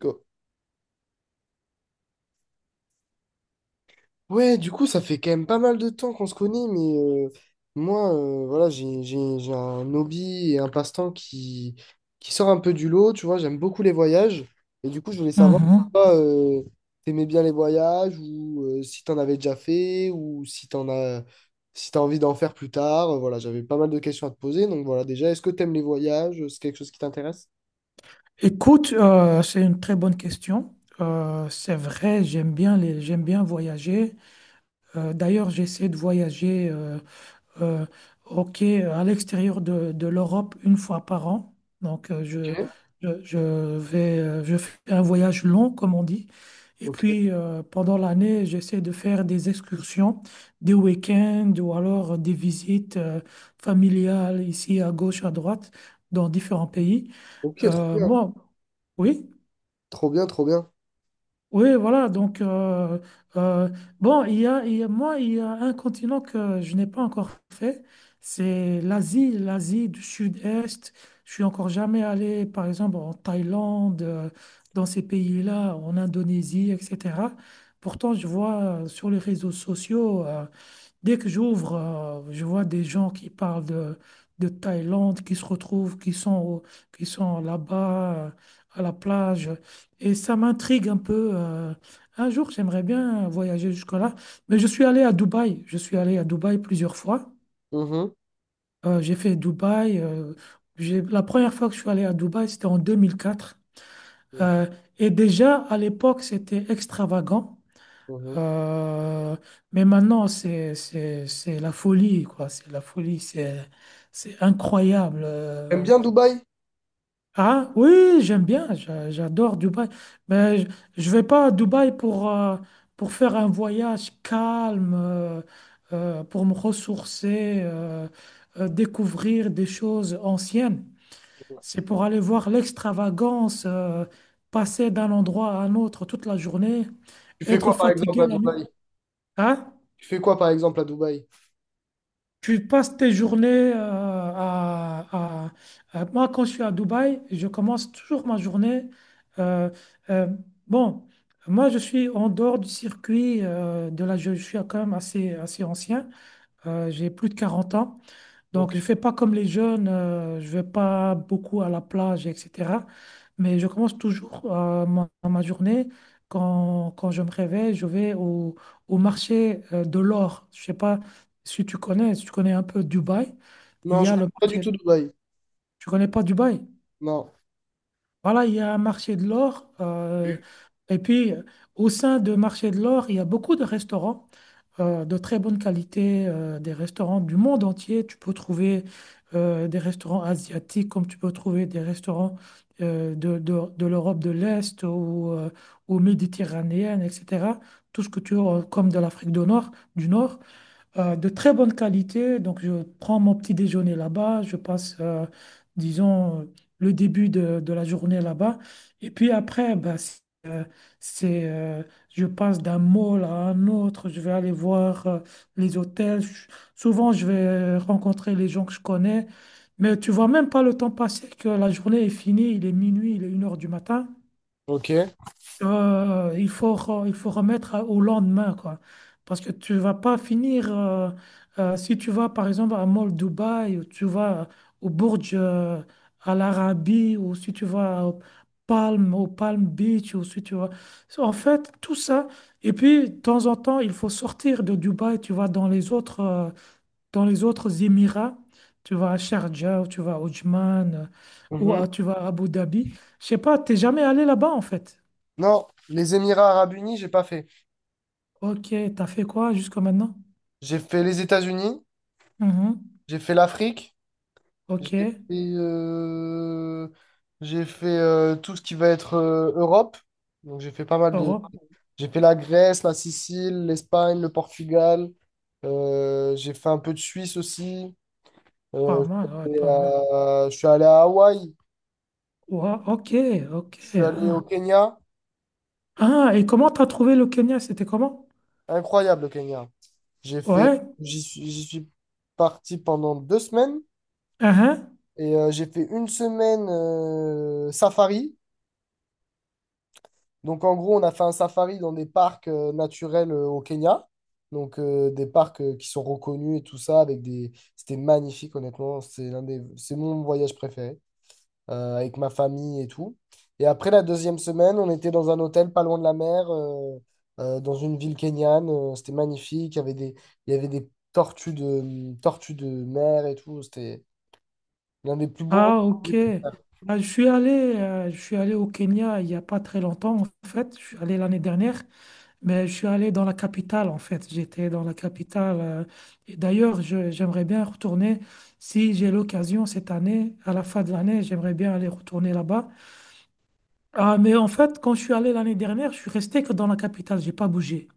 Quoi. Ouais, du coup, ça fait quand même pas mal de temps qu'on se connaît, mais moi, voilà, j'ai un hobby et un passe-temps qui sort un peu du lot, tu vois, j'aime beaucoup les voyages, et du coup, je voulais savoir si Mhm. toi, t'aimais bien les voyages, ou si t'en avais déjà fait, ou si t'as envie d'en faire plus tard. Voilà, j'avais pas mal de questions à te poser, donc voilà, déjà, est-ce que t'aimes les voyages? C'est quelque chose qui t'intéresse? Écoute, c'est une très bonne question. C'est vrai, j'aime bien voyager. D'ailleurs, j'essaie de voyager euh, ok, à l'extérieur de l'Europe une fois par an. Donc, je, je je fais un voyage long, comme on dit. Et Ok, ok, puis, pendant l'année, j'essaie de faire des excursions, des week-ends ou alors des visites familiales ici à gauche, à droite, dans différents pays. ok, trop bien, Moi, oui, trop bien, trop bien. oui, voilà. Donc, euh, bon, moi, il y a un continent que je n'ai pas encore fait. C'est l'Asie, l'Asie du Sud-Est. Je suis encore jamais allé, par exemple, en Thaïlande, dans ces pays-là, en Indonésie, etc. Pourtant, je vois sur les réseaux sociaux dès que j'ouvre, je vois des gens qui parlent de Thaïlande, qui se retrouvent, qui sont, qui sont là-bas, à la plage. Et ça m'intrigue un peu. Un jour, j'aimerais bien voyager jusque-là. Mais je suis allé à Dubaï. Je suis allé à Dubaï plusieurs fois. Mhm. J'ai fait Dubaï. La première fois que je suis allé à Dubaï, c'était en 2004. Ok. Euh, et déjà, à l'époque, c'était extravagant. Mhm. Euh, mais maintenant, c'est la folie, quoi. C'est la folie, c'est incroyable. T'aimes bien Dubaï? Ah oui, j'aime bien, j'adore Dubaï. Mais je vais pas à Dubaï pour faire un voyage calme, pour me ressourcer, découvrir des choses anciennes. C'est pour aller voir l'extravagance, passer d'un endroit à un autre toute la journée, Tu fais être quoi par exemple fatigué à la nuit. Dubaï? Hein. Tu fais quoi par exemple à Dubaï? Tu passes tes journées à- Moi, quand je suis à Dubaï, je commence toujours ma journée. euh, euh, bon, moi, je suis en dehors du circuit Je suis quand même assez, assez ancien. J'ai plus de 40 ans. Ok. Donc, je ne fais pas comme les jeunes, je ne vais pas beaucoup à la plage, etc. Mais je commence toujours ma journée. Quand je me réveille, je vais au marché de l'or. Je ne sais pas si tu connais un peu Dubaï. Il Non, y je a connais le pas du tout marché. Dubaï. Tu connais pas Dubaï? Non. Voilà, il y a un marché de l'or. Et puis, au sein de marché de l'or, il y a beaucoup de restaurants de très bonne qualité, des restaurants du monde entier. Tu peux trouver des restaurants asiatiques comme tu peux trouver des restaurants de l'Europe de l'Est ou méditerranéenne, etc. Tout ce que tu as, comme de l'Afrique du Nord, de très bonne qualité. Donc, je prends mon petit déjeuner là-bas, je passe, disons, le début de la journée là-bas. Et puis après, bah, si c'est, je passe d'un mall à un autre, je vais aller voir les hôtels. Souvent, je vais rencontrer les gens que je connais, mais tu vois même pas le temps passer que la journée est finie, il est minuit, il est 1 heure du matin. Ok. Il faut remettre au lendemain, quoi. Parce que tu vas pas finir, si tu vas par exemple à Mall Dubaï, ou tu vas au Burj, à l'Arabie, ou si tu vas au Palm Beach, ou si tu vas. En fait, tout ça. Et puis, de temps en temps, il faut sortir de Dubaï, tu vas dans les autres Émirats, tu vas à Sharjah, ou tu vas à Oman, ou Mhm. Tu vas à Abu Dhabi. Je sais pas, t'es jamais allé là-bas, en fait. Non, les Émirats Arabes Unis, j'ai pas fait. Ok, t'as fait quoi jusqu'à maintenant? J'ai fait les États-Unis, Mhm. j'ai fait l'Afrique, Ok, j'ai fait, euh, j'ai fait tout ce qui va être Europe. Donc j'ai fait pas mal de. Europe, J'ai fait la Grèce, la Sicile, l'Espagne, le Portugal. J'ai fait un peu de Suisse aussi. pas Euh, mal, ouais, pas mal. Je suis allé à Hawaï. Ouah, ok, ok. Je suis allé Ah. au Kenya. Ah, et comment t'as trouvé le Kenya? C'était comment? Incroyable, le Kenya. J'ai fait, Ouais, j'y suis parti pendant 2 semaines uhum. et j'ai fait une semaine safari. Donc, en gros, on a fait un safari dans des parcs naturels au Kenya. Donc, des parcs qui sont reconnus et tout ça avec des, c'était magnifique, honnêtement. C'est mon voyage préféré. Avec ma famille et tout. Et après la deuxième semaine, on était dans un hôtel pas loin de la mer, dans une ville kenyane. C'était magnifique. Il y avait des tortues de mer et tout. C'était l'un des plus beaux voyages Ah, que j'ai ok. pu faire. Ah, je suis allé, au Kenya il n'y a pas très longtemps, en fait. Je suis allé l'année dernière, mais je suis allé dans la capitale, en fait. J'étais dans la capitale. Et d'ailleurs, j'aimerais bien retourner, si j'ai l'occasion cette année, à la fin de l'année, j'aimerais bien aller retourner là-bas. Ah, mais en fait, quand je suis allé l'année dernière, je suis resté que dans la capitale. J'ai pas bougé.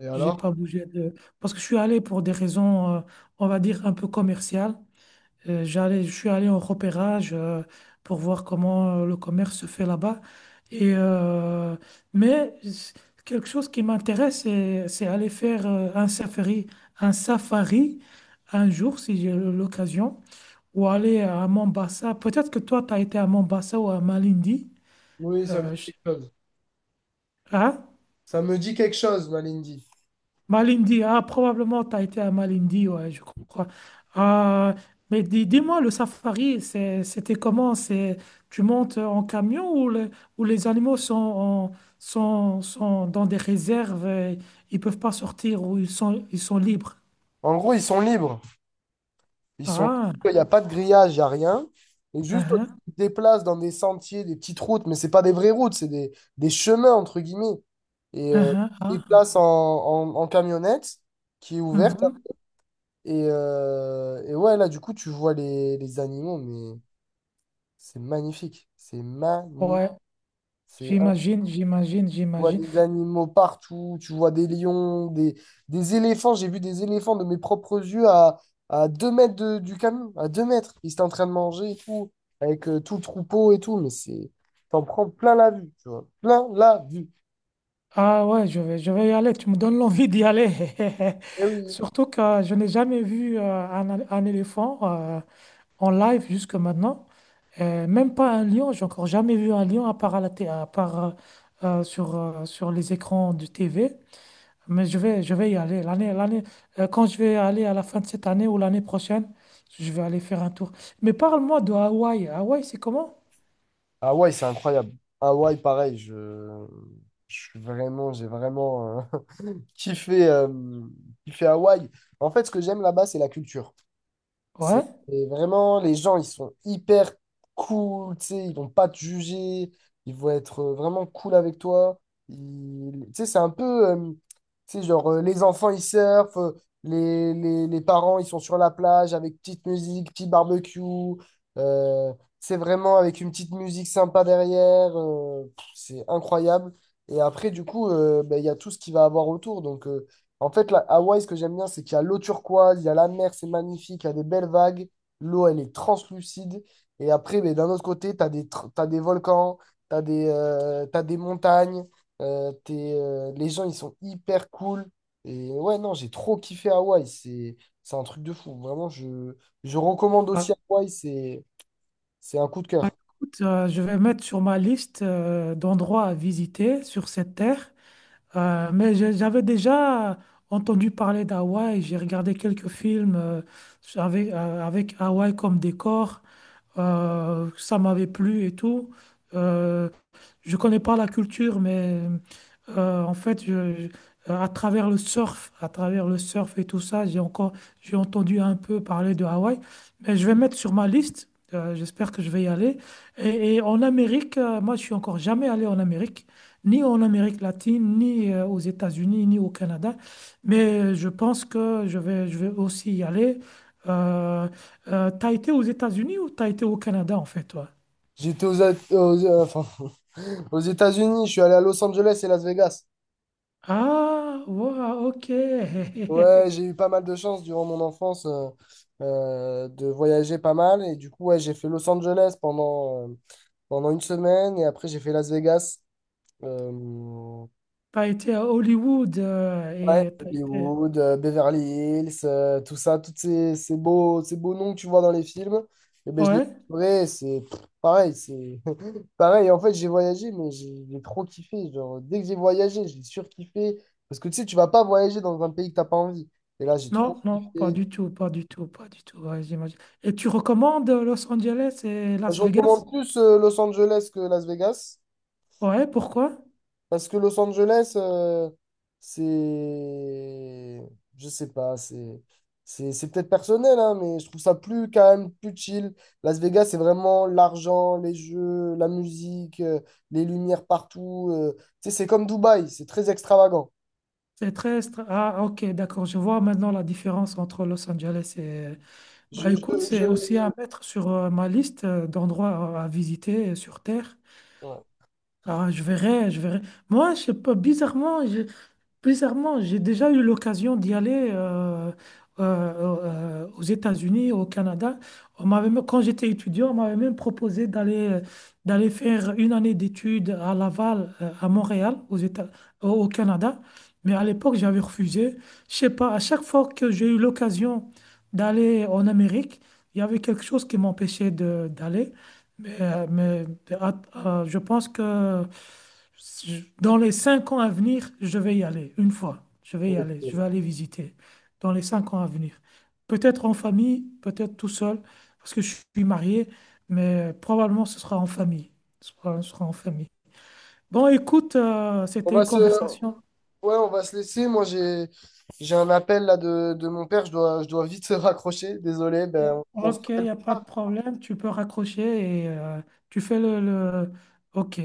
Et J'ai alors? pas bougé de... Parce que je suis allé pour des raisons, on va dire, un peu commerciales. Je suis allé en repérage, pour voir comment le commerce se fait là-bas. Et, mais c- quelque chose qui m'intéresse, c'est aller faire un safari un jour, si j'ai l'occasion, ou aller à Mombasa. Peut-être que toi, tu as été à Mombasa ou à Malindi. Oui, ça me dit Euh, je- quelque chose. hein. Ça me dit quelque chose, Malindi. Malindi, ah, probablement tu as été à Malindi, ouais, je crois. Ah, mais dis-moi, le safari, c'était comment? C'est, tu montes en camion ou les animaux sont dans des réserves, et ils peuvent pas sortir ou ils sont libres? En gros, ils sont libres. Ils sont, Ah, il n'y a pas de grillage, il n'y a rien. Et juste, ah, tu te déplaces dans des sentiers, des petites routes, mais c'est pas des vraies routes, c'est des chemins, entre guillemets. Et ah, tu te ah, ah, déplaces en camionnette qui est ouverte. mhm. Et ouais, là, du coup, tu vois les animaux, mais c'est magnifique. C'est magnifique. Ouais, C'est j'imagine, j'imagine, Tu vois j'imagine. des animaux partout, tu vois des lions, des éléphants. J'ai vu des éléphants de mes propres yeux à, 2 mètres du camion, à 2 mètres. Ils étaient en train de manger et tout, avec tout le troupeau et tout. T'en prends plein la vue, tu vois. Plein la vue. Ah ouais, je vais y aller, tu me donnes l'envie d'y aller. Eh oui. Surtout que je n'ai jamais vu un éléphant. En live jusque maintenant. Même pas un lion, j'ai encore jamais vu un lion à part, à part sur les écrans du TV. Mais je vais y aller. Quand je vais aller à la fin de cette année ou l'année prochaine, je vais aller faire un tour. Mais parle-moi de Hawaï. Hawaï, c'est comment? Hawaï, c'est incroyable. Hawaï, pareil, je suis vraiment, j'ai vraiment kiffé, euh, kiffé Hawaï. En fait, ce que j'aime là-bas, c'est la culture. C'est Ouais. et vraiment, les gens, ils sont hyper cool, tu sais, ils vont pas te juger, ils vont être vraiment cool avec toi. Tu sais, c'est un peu, tu sais, genre, les enfants, ils surfent, les parents, ils sont sur la plage avec petite musique, petit barbecue. euh, c'est vraiment avec une petite musique sympa derrière, pff, c'est incroyable. Et après, du coup, ben, il y a tout ce qui va avoir autour. Donc, en fait, la Hawaï, ce que j'aime bien, c'est qu'il y a l'eau turquoise, il y a la mer, c'est magnifique, il y a des belles vagues, l'eau, elle est translucide. Et après, mais d'un autre côté, tu as des, tr- t'as des volcans, t'as des montagnes, les gens, ils sont hyper cool. Et ouais, non, j'ai trop kiffé Hawaï, c'est un truc de fou. Vraiment, je recommande aussi Bah, Hawaï, c'est un coup de Bah, cœur. écoute, je vais mettre sur ma liste d'endroits à visiter sur cette terre. J'avais déjà entendu parler d'Hawaï, j'ai regardé quelques films avec Hawaï comme décor. Ça m'avait plu et tout. Euh, je connais pas la culture, mais en fait, à travers le surf, et tout ça, j'ai entendu un peu parler de Hawaï, mais je vais mettre sur ma liste. J'espère que je vais y aller. Et, en Amérique, moi, je suis encore jamais allé en Amérique, ni en Amérique latine, ni aux États-Unis, ni au Canada. Mais je pense que je vais aussi y aller. Euh, t'as été aux États-Unis ou t'as été au Canada, en fait, toi? J'étais aux, A- aux, enfin, aux États-Unis, je suis allé à Los Angeles et Las Vegas. Ah, wow, ok. Ouais, j'ai eu pas mal de chance durant mon enfance de voyager pas mal. Et du coup, ouais, j'ai fait Los Angeles pendant une semaine. Et après, j'ai fait Las Vegas. Euh, T'as été à Hollywood ouais, et t'as été... Hollywood, Beverly Hills, tout ça, ces beaux noms que tu vois dans les films. Et ben, je les Ouais? vrai, c'est pff, pareil. C'est pareil. En fait, j'ai voyagé, mais j'ai trop kiffé. Genre, dès que j'ai voyagé, j'ai surkiffé. Parce que tu sais, tu vas pas voyager dans un pays que t'as pas envie. Et là, j'ai trop Non, non, pas kiffé. du tout, pas du tout, pas du tout. Ouais, j'imagine. Et tu recommandes Los Angeles et Je Las Vegas? recommande plus Los Angeles que Las Vegas. Ouais, pourquoi? Parce que Los Angeles, c'est. Je sais pas, c'est. C'est peut-être personnel, hein, mais je trouve ça plus calme, plus chill. Las Vegas, c'est vraiment l'argent, les jeux, la musique, les lumières partout. Tu sais, c'est comme Dubaï, c'est très extravagant. Ah, ok, d'accord. Je vois maintenant la différence entre Los Angeles et... Je, Bah écoute, je, c'est aussi à je- mettre sur ma liste d'endroits à visiter sur Terre. ouais. Ah, je verrai, je verrai. Moi, je sais pas, Bizarrement, j'ai déjà eu l'occasion d'y aller aux États-Unis, au Canada. Quand j'étais étudiant, on m'avait même proposé d'aller faire une année d'études à Laval, à Montréal, au Canada. Mais à l'époque, j'avais refusé. Je sais pas, à chaque fois que j'ai eu l'occasion d'aller en Amérique, il y avait quelque chose qui m'empêchait de d'aller. Mais à- je pense que dans les 5 ans à venir, je vais y aller, une fois. Je vais y aller, je Ok. vais aller visiter dans les 5 ans à venir. Peut-être en famille, peut-être tout seul, parce que je suis marié, mais probablement ce sera en famille. Ce sera en famille. Bon, écoute, On c'était va une se, conversation. Ouais, on va se laisser. Moi, j'ai un appel là de mon père. Je dois vite se raccrocher. Désolé, ben, on se Ok, il rappelle n'y a pas. pas de problème, tu peux raccrocher et tu fais le... Ok,